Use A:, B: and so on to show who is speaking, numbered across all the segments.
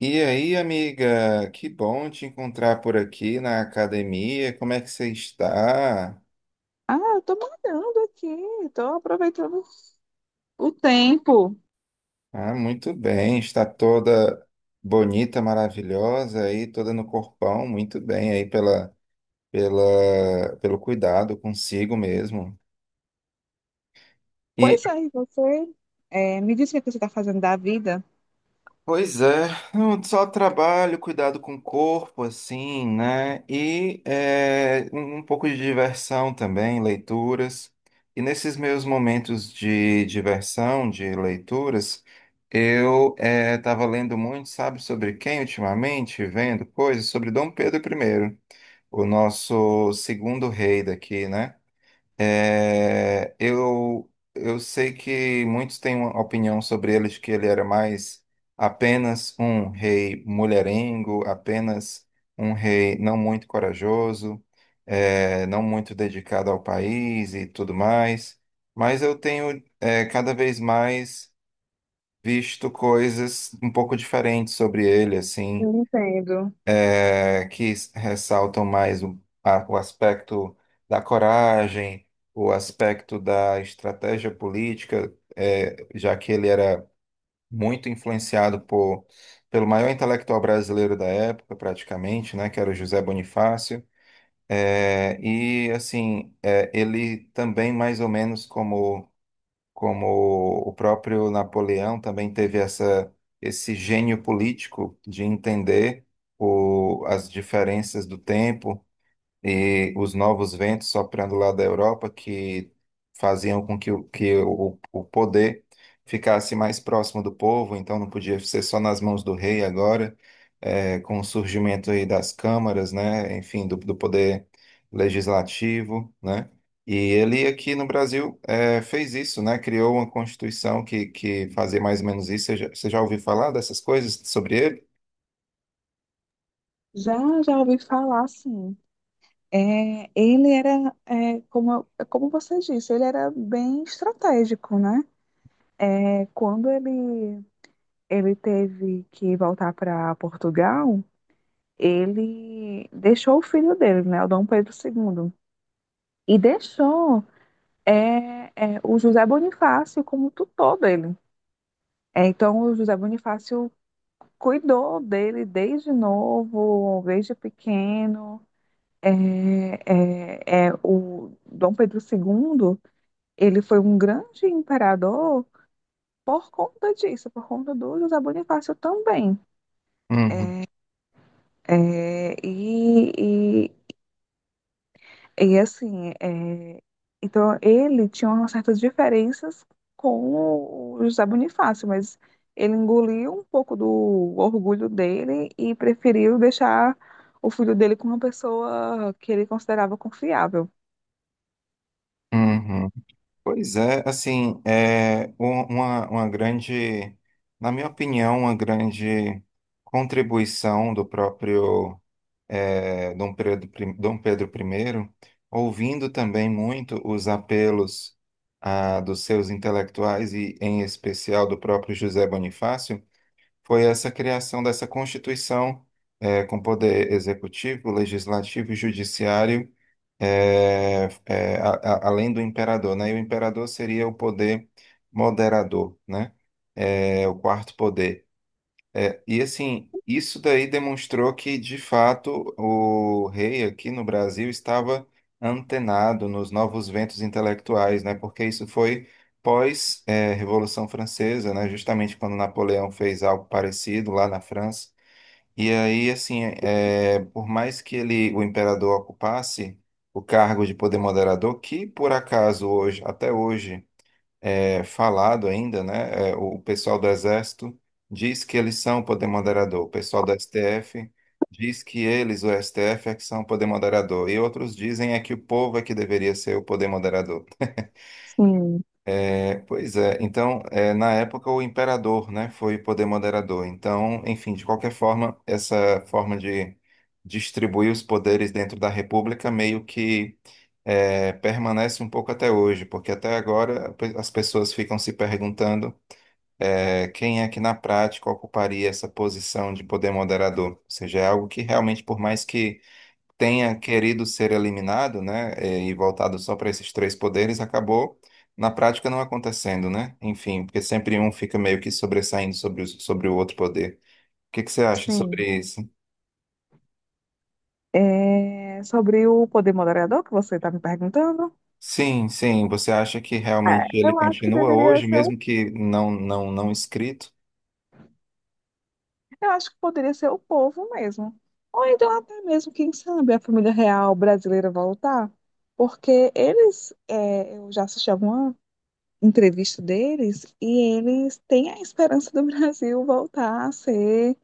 A: E aí, amiga, que bom te encontrar por aqui na academia. Como é que você está?
B: Eu tô malhando aqui, tô aproveitando o tempo.
A: Ah, muito bem, está toda bonita, maravilhosa aí, toda no corpão, muito bem aí pelo cuidado consigo mesmo.
B: Pois é, e você me diz o que é você está fazendo da vida.
A: Pois é, não, só trabalho, cuidado com o corpo, assim, né? E um pouco de diversão também, leituras. E nesses meus momentos de diversão, de leituras, eu estava lendo muito, sabe, sobre quem ultimamente? Vendo coisas sobre Dom Pedro primeiro, o nosso segundo rei daqui, né? Eu sei que muitos têm uma opinião sobre ele, que ele era mais apenas um rei mulherengo, apenas um rei não muito corajoso, não muito dedicado ao país e tudo mais. Mas eu tenho, cada vez mais visto coisas um pouco diferentes sobre ele,
B: Eu
A: assim
B: entendo.
A: que ressaltam mais o aspecto da coragem, o aspecto da estratégia política, já que ele era muito influenciado pelo maior intelectual brasileiro da época, praticamente, né, que era o José Bonifácio. E assim, ele também mais ou menos como o próprio Napoleão também teve esse gênio político de entender as diferenças do tempo e os novos ventos soprando lá da Europa que faziam com que o poder ficasse mais próximo do povo, então não podia ser só nas mãos do rei agora, com o surgimento aí das câmaras, né, enfim, do poder legislativo, né, e ele aqui no Brasil fez isso, né, criou uma constituição que fazia mais ou menos isso, você já ouviu falar dessas coisas sobre ele?
B: Já, já ouvi falar, sim. Ele era, como, como você disse, ele era bem estratégico, né? Quando ele teve que voltar para Portugal, ele deixou o filho dele, né? O Dom Pedro II. E deixou é, o José Bonifácio como tutor dele. É, então, o José Bonifácio cuidou dele desde novo, desde pequeno. É, o Dom Pedro II, ele foi um grande imperador por conta disso, por conta do José Bonifácio também.
A: Uhum,
B: É, e, E assim, é, então ele tinha umas certas diferenças com o José Bonifácio, mas ele engoliu um pouco do orgulho dele e preferiu deixar o filho dele com uma pessoa que ele considerava confiável.
A: uhum. Pois é, assim, uma grande, na minha opinião, uma grande contribuição do próprio Dom Pedro I, ouvindo também muito os apelos dos seus intelectuais e, em especial, do próprio José Bonifácio foi essa criação dessa Constituição, com poder executivo, legislativo e judiciário, além do imperador, né? E o imperador seria o poder moderador, né? O quarto poder. E assim, isso daí demonstrou que, de fato, o rei aqui no Brasil estava antenado nos novos ventos intelectuais, né? Porque isso foi pós, Revolução Francesa, né? Justamente quando Napoleão fez algo parecido lá na França. E aí, assim, por mais que ele, o imperador, ocupasse o cargo de poder moderador, que por acaso hoje, até hoje falado ainda, né? O pessoal do Exército diz que eles são o poder moderador, o pessoal do STF diz que eles, o STF, é que são o poder moderador, e outros dizem que o povo é que deveria ser o poder moderador.
B: Sim,
A: Pois é, então, na época o imperador, né, foi o poder moderador. Então, enfim, de qualquer forma, essa forma de distribuir os poderes dentro da República meio que permanece um pouco até hoje, porque até agora as pessoas ficam se perguntando quem é que na prática ocuparia essa posição de poder moderador? Ou seja, é algo que realmente, por mais que tenha querido ser eliminado, né, e voltado só para esses três poderes, acabou na prática não acontecendo, né? Enfim, porque sempre um fica meio que sobressaindo sobre o outro poder. O que que você acha
B: sim.
A: sobre isso?
B: É, sobre o poder moderador que você está me perguntando,
A: Sim, sim. Você acha que
B: é,
A: realmente ele
B: eu acho que
A: continua
B: deveria
A: hoje,
B: ser
A: mesmo que não escrito?
B: eu acho que poderia ser o povo mesmo. Ou então até mesmo, quem sabe, a família real brasileira voltar. Porque eles, é, eu já assisti alguma entrevista deles e eles têm a esperança do Brasil voltar a ser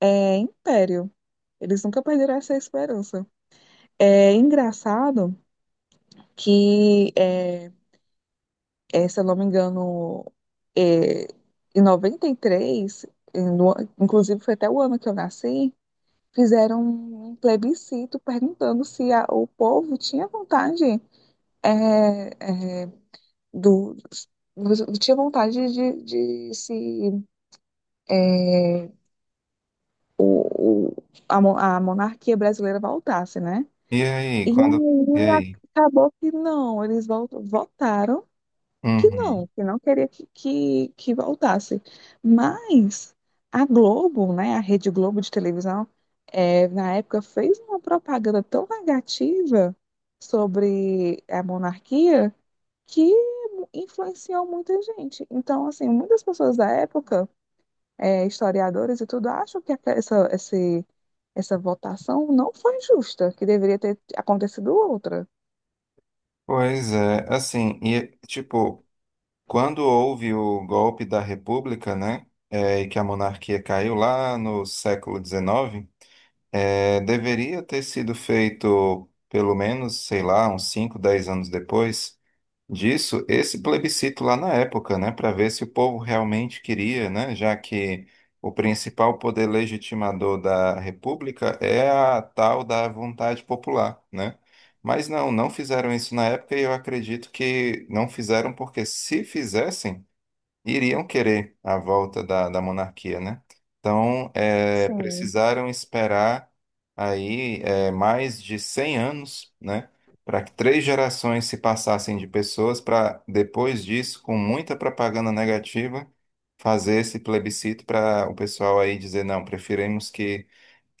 B: é, império. Eles nunca perderam essa esperança. É engraçado que, se eu não me engano, é, em 93, inclusive foi até o ano que eu nasci, fizeram um plebiscito perguntando se o povo tinha vontade é, é, do tinha vontade de se é, o, o- a monarquia brasileira voltasse, né?
A: E aí,
B: E
A: quando? E
B: aí
A: aí?
B: acabou que não, eles votaram
A: Uhum.
B: que não queria que voltasse. Mas a Globo, né, a Rede Globo de televisão, é, na época fez uma propaganda tão negativa sobre a monarquia que influenciou muita gente. Então, assim, muitas pessoas da época, é, historiadores e tudo, acham que essa votação não foi justa, que deveria ter acontecido outra.
A: Pois é, assim, e tipo, quando houve o golpe da República, né, e que a monarquia caiu lá no século XIX, deveria ter sido feito, pelo menos, sei lá, uns 5, 10 anos depois disso, esse plebiscito lá na época, né, para ver se o povo realmente queria, né, já que o principal poder legitimador da República é a tal da vontade popular, né? Mas não fizeram isso na época e eu acredito que não fizeram porque se fizessem iriam querer a volta da monarquia, né? Então,
B: Sim,
A: precisaram esperar aí mais de 100 anos, né, para que três gerações se passassem de pessoas para depois disso, com muita propaganda negativa, fazer esse plebiscito para o pessoal aí dizer não, preferimos que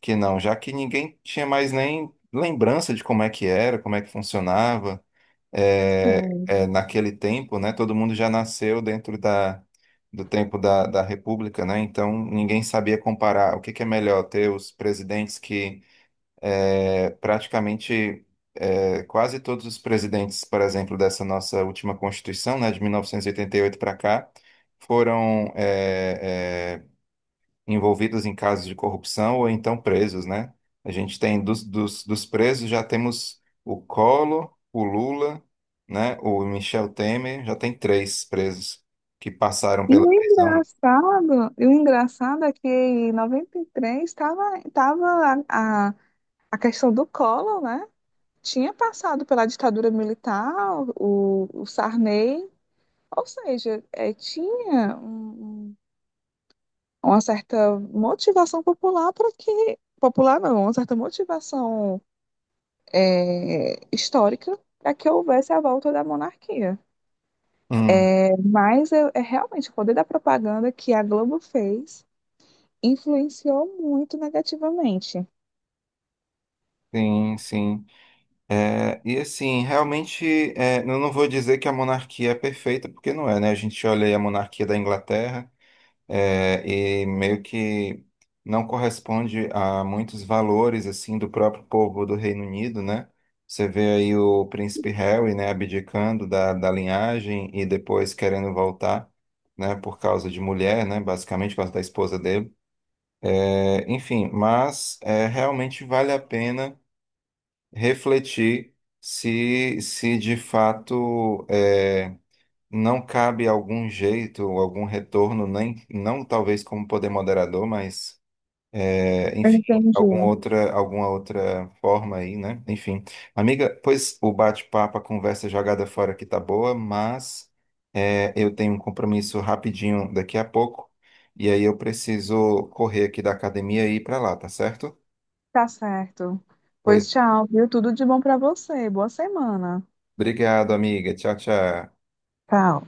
A: que não, já que ninguém tinha mais nem lembrança de como é que era, como é que funcionava
B: sim.
A: naquele tempo, né, todo mundo já nasceu dentro do tempo da República, né, então ninguém sabia comparar o que que é melhor ter os presidentes que é, praticamente quase todos os presidentes, por exemplo, dessa nossa última Constituição, né, de mil novecentos e oitenta e oito para cá, foram é, envolvidos em casos de corrupção ou então presos, né? A gente tem dos presos já temos o Collor, o Lula, né? O Michel Temer, já tem três presos que passaram pela prisão.
B: E o engraçado é que em 93 estava tava a questão do Collor, né? Tinha passado pela ditadura militar, o Sarney, ou seja, tinha uma certa motivação popular para que, popular não, uma certa motivação histórica para que houvesse a volta da monarquia.
A: Hum,
B: É, mas é realmente o poder da propaganda que a Globo fez influenciou muito negativamente.
A: sim, sim. E assim, realmente, eu não vou dizer que a monarquia é perfeita, porque não é, né? A gente olha aí a monarquia da Inglaterra, e meio que não corresponde a muitos valores assim do próprio povo do Reino Unido, né? Você vê aí o príncipe Harry, né, abdicando da linhagem e depois querendo voltar, né, por causa de mulher, né, basicamente por causa da esposa dele. Enfim, mas realmente vale a pena refletir se de fato não cabe algum jeito, algum retorno, nem não talvez como poder moderador, mas enfim,
B: Entendi.
A: alguma outra forma aí, né? Enfim, amiga, pois o bate-papo, a conversa jogada fora aqui tá boa, mas eu tenho um compromisso rapidinho daqui a pouco e aí eu preciso correr aqui da academia e ir para lá, tá certo?
B: Tá certo.
A: Pois,
B: Pois tchau, viu? Tudo de bom pra você. Boa semana.
A: obrigado, amiga. Tchau, tchau.
B: Tchau.